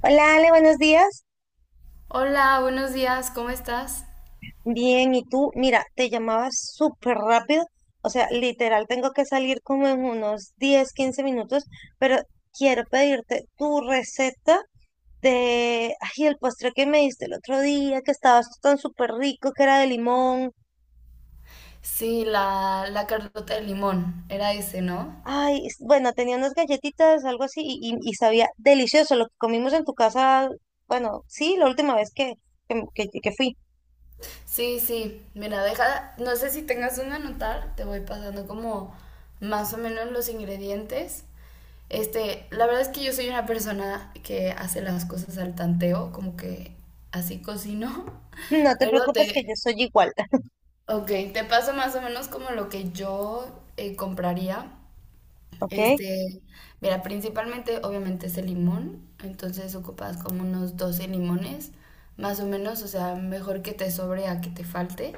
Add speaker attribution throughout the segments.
Speaker 1: Hola Ale, buenos días.
Speaker 2: Hola, buenos días, ¿cómo estás?
Speaker 1: Bien, ¿y tú? Mira, te llamaba súper rápido. O sea, literal, tengo que salir como en unos 10 15 minutos, pero quiero pedirte tu receta de, ay, el postre que me diste el otro día, que estaba tan súper rico, que era de limón.
Speaker 2: Sí, la Carlota de Limón, era ese, ¿no?
Speaker 1: Bueno, tenía unas galletitas, algo así, y sabía delicioso lo que comimos en tu casa. Bueno, sí, la última vez que fui.
Speaker 2: Sí, sí, mira, deja, no sé si tengas un anotar, te voy pasando como más o menos los ingredientes. La verdad es que yo soy una persona que hace las cosas al tanteo, como que así cocino.
Speaker 1: No te
Speaker 2: pero
Speaker 1: preocupes que
Speaker 2: te,
Speaker 1: yo soy igual.
Speaker 2: ok, te paso más o menos como lo que yo compraría.
Speaker 1: ¿Ok?
Speaker 2: Este, Mira, principalmente obviamente es el limón, entonces ocupas como unos 12 limones, más o menos, o sea, mejor que te sobre a que te falte.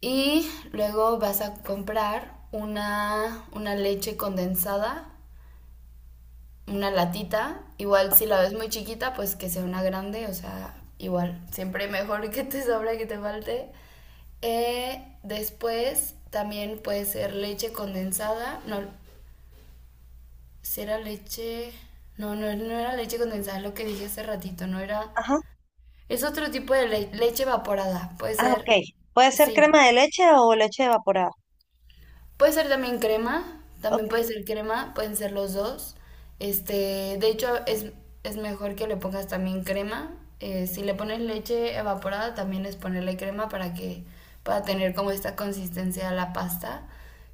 Speaker 2: Y luego vas a comprar una leche condensada, una latita, igual si la ves muy chiquita, pues que sea una grande, o sea, igual, siempre mejor que te sobre a que te falte. Después también puede ser leche condensada, no. Si era leche. No, no, no era leche condensada, lo que dije hace ratito, no era.
Speaker 1: Ajá.
Speaker 2: Es otro tipo de leche evaporada. Puede
Speaker 1: Ah,
Speaker 2: ser.
Speaker 1: ok. Puede ser
Speaker 2: Sí.
Speaker 1: crema de leche o leche evaporada.
Speaker 2: Puede ser también crema.
Speaker 1: Ok,
Speaker 2: También puede ser crema. Pueden ser los dos. De hecho, es mejor que le pongas también crema. Si le pones leche evaporada, también es ponerle crema para que pueda tener como esta consistencia a la pasta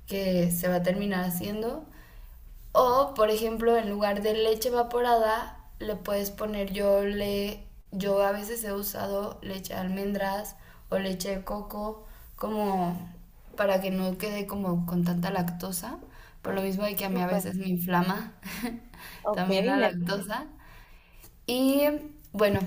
Speaker 2: que se va a terminar haciendo. O, por ejemplo, en lugar de leche evaporada, le puedes poner yo a veces he usado leche de almendras o leche de coco como para que no quede como con tanta lactosa, por lo mismo de que a mí a
Speaker 1: súper.
Speaker 2: veces me inflama
Speaker 1: Ok,
Speaker 2: también la
Speaker 1: me,
Speaker 2: lactosa. Y bueno,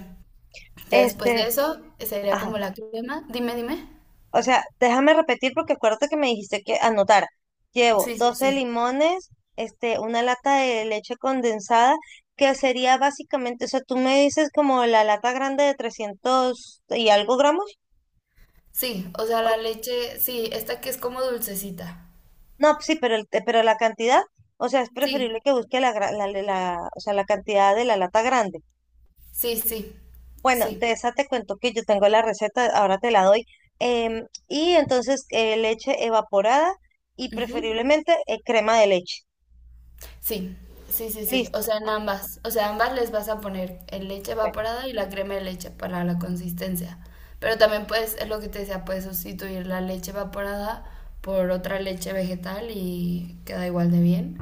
Speaker 2: ya después de
Speaker 1: este,
Speaker 2: eso sería
Speaker 1: ajá.
Speaker 2: como la crema. Dime, dime.
Speaker 1: O sea, déjame repetir porque acuérdate que me dijiste que anotar. Llevo
Speaker 2: Sí, sí,
Speaker 1: 12
Speaker 2: sí.
Speaker 1: limones, una lata de leche condensada, que sería básicamente, o sea, tú me dices como la lata grande de 300 y algo gramos.
Speaker 2: Sí, o sea,
Speaker 1: O-
Speaker 2: la leche, sí, esta que es como dulcecita.
Speaker 1: No, sí, pero, pero la cantidad, o sea, es preferible
Speaker 2: Sí,
Speaker 1: que busque la, o sea, la cantidad de la lata grande.
Speaker 2: sí, sí,
Speaker 1: Bueno,
Speaker 2: sí.
Speaker 1: de esa te cuento que yo tengo la receta, ahora te la doy. Y entonces leche evaporada y
Speaker 2: Ujú.
Speaker 1: preferiblemente crema de leche.
Speaker 2: Sí, sí, sí, sí.
Speaker 1: Listo.
Speaker 2: O sea, en
Speaker 1: Ok,
Speaker 2: ambas. O sea, ambas les vas a poner el leche
Speaker 1: bueno,
Speaker 2: evaporada y la crema de leche para la consistencia. Pero también puedes, es lo que te decía, puedes sustituir la leche evaporada por otra leche vegetal y queda igual de bien.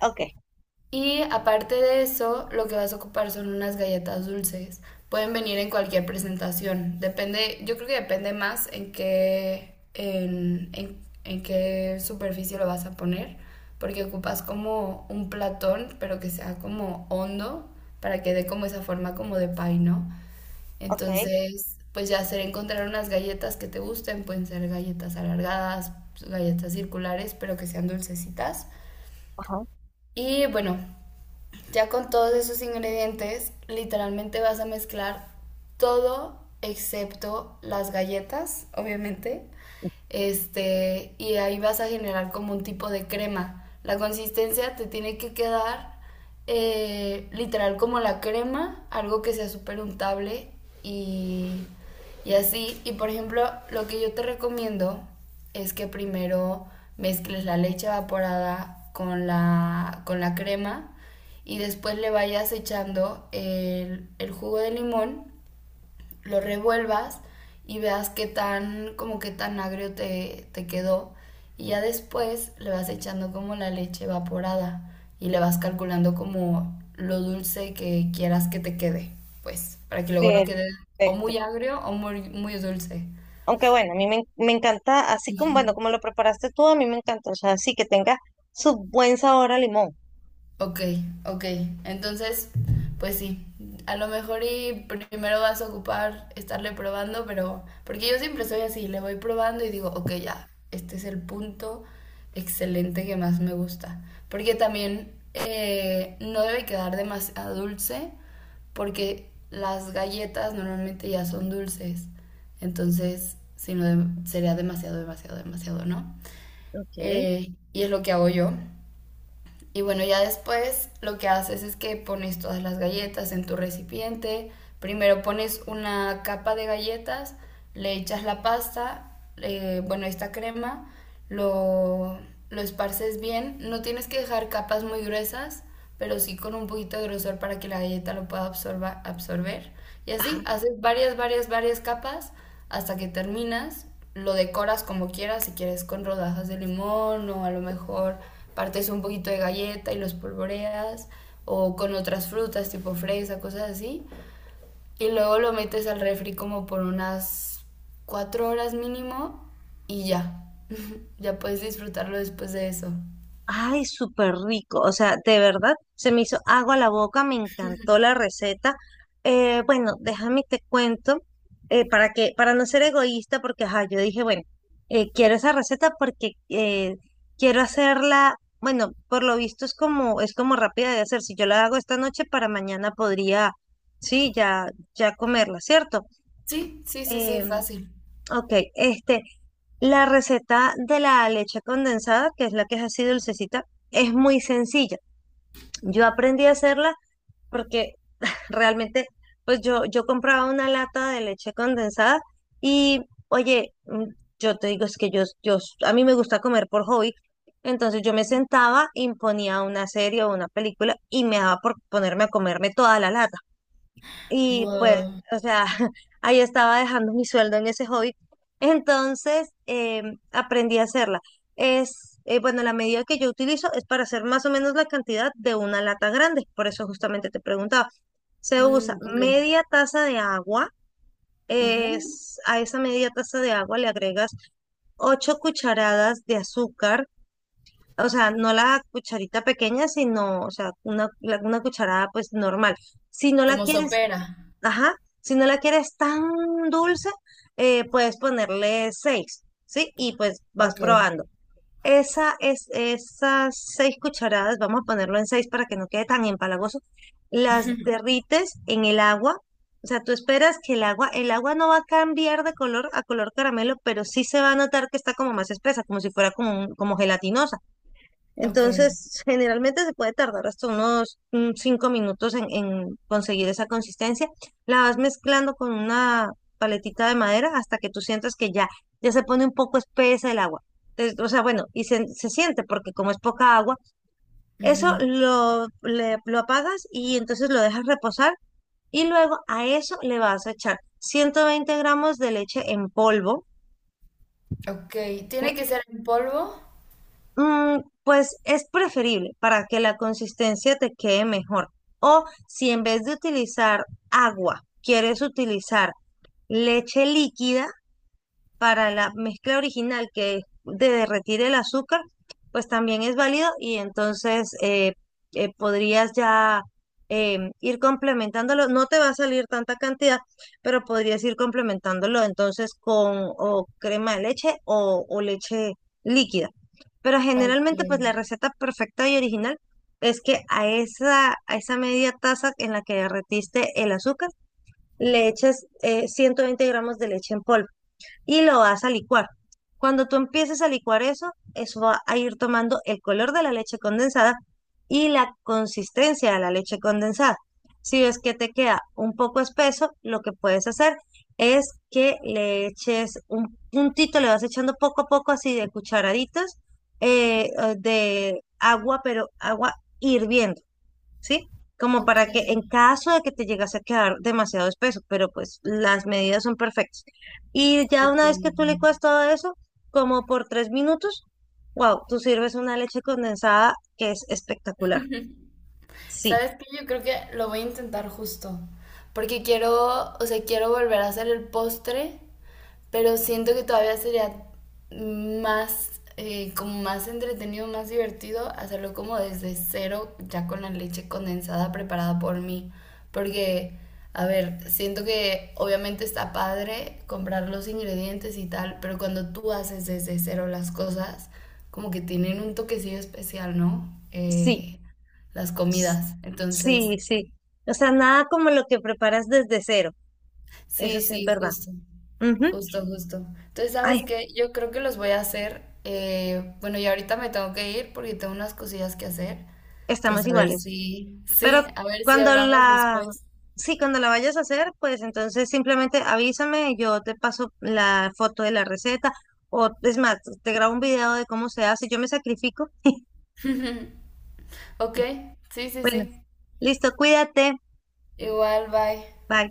Speaker 1: ok,
Speaker 2: Y aparte de eso, lo que vas a ocupar son unas galletas dulces. Pueden venir en cualquier presentación. Depende, yo creo que depende más en qué superficie lo vas a poner, porque ocupas como un platón, pero que sea como hondo, para que dé como esa forma como de pie, ¿no?
Speaker 1: ok.
Speaker 2: Entonces, pues ya será encontrar unas galletas que te gusten, pueden ser galletas alargadas, galletas circulares, pero que sean dulcecitas.
Speaker 1: Ajá.
Speaker 2: Y bueno, ya con todos esos ingredientes, literalmente vas a mezclar todo excepto las galletas, obviamente. Y ahí vas a generar como un tipo de crema. La consistencia te tiene que quedar literal como la crema, algo que sea súper untable y, y así. Y por ejemplo, lo que yo te recomiendo es que primero mezcles la leche evaporada con la crema y después le vayas echando el jugo de limón, lo revuelvas y veas qué tan, como qué tan agrio te quedó. Y ya después le vas echando como la leche evaporada y le vas calculando como lo dulce que quieras que te quede, pues, para que luego no quede o
Speaker 1: Perfecto.
Speaker 2: muy agrio o muy, muy dulce.
Speaker 1: Aunque bueno, a mí me, en- me encanta, así como, bueno, como lo preparaste tú, a mí me encanta, o sea, sí que tenga su buen sabor a limón.
Speaker 2: Ok, ok. Entonces, pues sí, a lo mejor y primero vas a ocupar estarle probando, pero porque yo siempre soy así, le voy probando y digo, ok, ya, este es el punto excelente que más me gusta. Porque también no debe quedar demasiado dulce, porque las galletas normalmente ya son dulces. Entonces, si no, sería demasiado, demasiado, demasiado, ¿no?
Speaker 1: Ok.
Speaker 2: Y es lo que hago yo. Y bueno, ya después lo que haces es que pones todas las galletas en tu recipiente. Primero pones una capa de galletas, le echas la pasta, bueno, esta crema, lo, lo esparces bien. No tienes que dejar capas muy gruesas, pero sí con un poquito de grosor para que la galleta lo pueda absorber. Y así, haces varias, varias, varias capas hasta que terminas, lo decoras como quieras, si quieres con rodajas de limón o a lo mejor partes un poquito de galleta y los polvoreas o con otras frutas tipo fresa, cosas así. Y luego lo metes al refri como por unas 4 horas mínimo y ya. Ya puedes disfrutarlo después de eso.
Speaker 1: Ay, súper rico. O sea, de verdad, se me hizo agua a la boca, me encantó la receta. Bueno, déjame te cuento, para para no ser egoísta, porque ajá, yo dije, bueno, quiero esa receta porque quiero hacerla, bueno, por lo visto es como rápida de hacer. Si yo la hago esta noche, para mañana podría, sí, ya, ya comerla, ¿cierto?
Speaker 2: Sí, sí, sí, sí,
Speaker 1: Em,
Speaker 2: fácil.
Speaker 1: Ok, la receta de la leche condensada, que es la que es así dulcecita, es muy sencilla. Yo aprendí a hacerla porque realmente, pues yo compraba una lata de leche condensada y, oye, mm, yo te digo, es que a mí me gusta comer por hobby, entonces yo me sentaba, imponía una serie o una película y me daba por ponerme a comerme toda la lata. Y pues,
Speaker 2: Wow.
Speaker 1: o sea, ahí estaba dejando mi sueldo en ese hobby. Entonces, aprendí a hacerla. Bueno, la medida que yo utilizo es para hacer más o menos la cantidad de una lata grande. Por eso justamente te preguntaba. Se usa
Speaker 2: Mm, ok.
Speaker 1: media taza de agua.
Speaker 2: Ujú.
Speaker 1: Es, a esa media taza de agua le agregas 8 cucharadas de azúcar. O sea, no la cucharita pequeña, sino, o sea, una cucharada pues normal. Si no la
Speaker 2: Como
Speaker 1: quieres.
Speaker 2: sopera.
Speaker 1: Ajá, si no la quieres tan dulce, puedes ponerle seis, ¿sí? Y pues vas
Speaker 2: Ok.
Speaker 1: probando. Esas seis cucharadas, vamos a ponerlo en seis para que no quede tan empalagoso, las derrites en el agua. O sea, tú esperas que el agua no va a cambiar de color a color caramelo, pero sí se va a notar que está como más espesa, como si fuera como gelatinosa.
Speaker 2: Ok,
Speaker 1: Entonces, generalmente se puede tardar hasta unos 5 minutos en conseguir esa consistencia. La vas mezclando con una paletita de madera hasta que tú sientas que ya, ya se pone un poco espesa el agua. O sea, bueno, se siente porque como es poca agua,
Speaker 2: ujú.
Speaker 1: lo apagas y entonces lo dejas reposar y luego a eso le vas a echar 120 gramos de leche en polvo.
Speaker 2: Ok, ¿tiene que ser en polvo?
Speaker 1: Mm, pues es preferible para que la consistencia te quede mejor. O si en vez de utilizar agua, quieres utilizar leche líquida, para la mezcla original que es de derretir el azúcar, pues también es válido y entonces podrías ya ir complementándolo. No te va a salir tanta cantidad, pero podrías ir complementándolo entonces con o crema de leche o leche líquida. Pero
Speaker 2: Ok,
Speaker 1: generalmente, pues la receta perfecta y original es que a esa media taza en la que derretiste el azúcar, le eches 120 gramos de leche en polvo y lo vas a licuar. Cuando tú empieces a licuar eso, eso va a ir tomando el color de la leche condensada y la consistencia de la leche condensada. Si ves que te queda un poco espeso, lo que puedes hacer es que le eches un puntito, le vas echando poco a poco así de cucharaditas de agua, pero agua hirviendo. ¿Sí? Como
Speaker 2: ok,
Speaker 1: para que en caso de que te llegase a quedar demasiado espeso, pero pues las medidas son perfectas. Y ya
Speaker 2: ok.
Speaker 1: una vez que tú licuas todo eso, como por 3 minutos, wow, tú sirves una leche condensada que es espectacular. Sí,
Speaker 2: ¿Sabes qué? Yo creo que lo voy a intentar justo, porque quiero, o sea, quiero volver a hacer el postre. Pero siento que todavía sería más, como más entretenido, más divertido hacerlo como desde cero, ya con la leche condensada preparada por mí. Porque, a ver, siento que obviamente está padre comprar los ingredientes y tal, pero cuando tú haces desde cero las cosas, como que tienen un toquecillo especial, ¿no?
Speaker 1: sí,
Speaker 2: Las
Speaker 1: s-
Speaker 2: comidas. Entonces,
Speaker 1: sí, sí. O sea, nada como lo que preparas desde cero. Eso
Speaker 2: sí,
Speaker 1: sí es
Speaker 2: sí,
Speaker 1: verdad.
Speaker 2: justo.
Speaker 1: Ujú.
Speaker 2: Justo, justo. Entonces,
Speaker 1: Ay,
Speaker 2: ¿sabes qué? Yo creo que los voy a hacer. Bueno, y ahorita me tengo que ir porque tengo unas cosillas que hacer.
Speaker 1: estamos
Speaker 2: Entonces, a ver
Speaker 1: iguales.
Speaker 2: si, sí,
Speaker 1: Pero
Speaker 2: a ver si
Speaker 1: cuando
Speaker 2: hablamos
Speaker 1: la,
Speaker 2: después.
Speaker 1: sí, cuando la vayas a hacer, pues entonces simplemente avísame, yo te paso la foto de la receta o es más, te grabo un video de cómo se hace, yo me sacrifico.
Speaker 2: Ok, sí, sí,
Speaker 1: Bueno,
Speaker 2: sí.
Speaker 1: listo, cuídate.
Speaker 2: Igual, bye.
Speaker 1: Bye.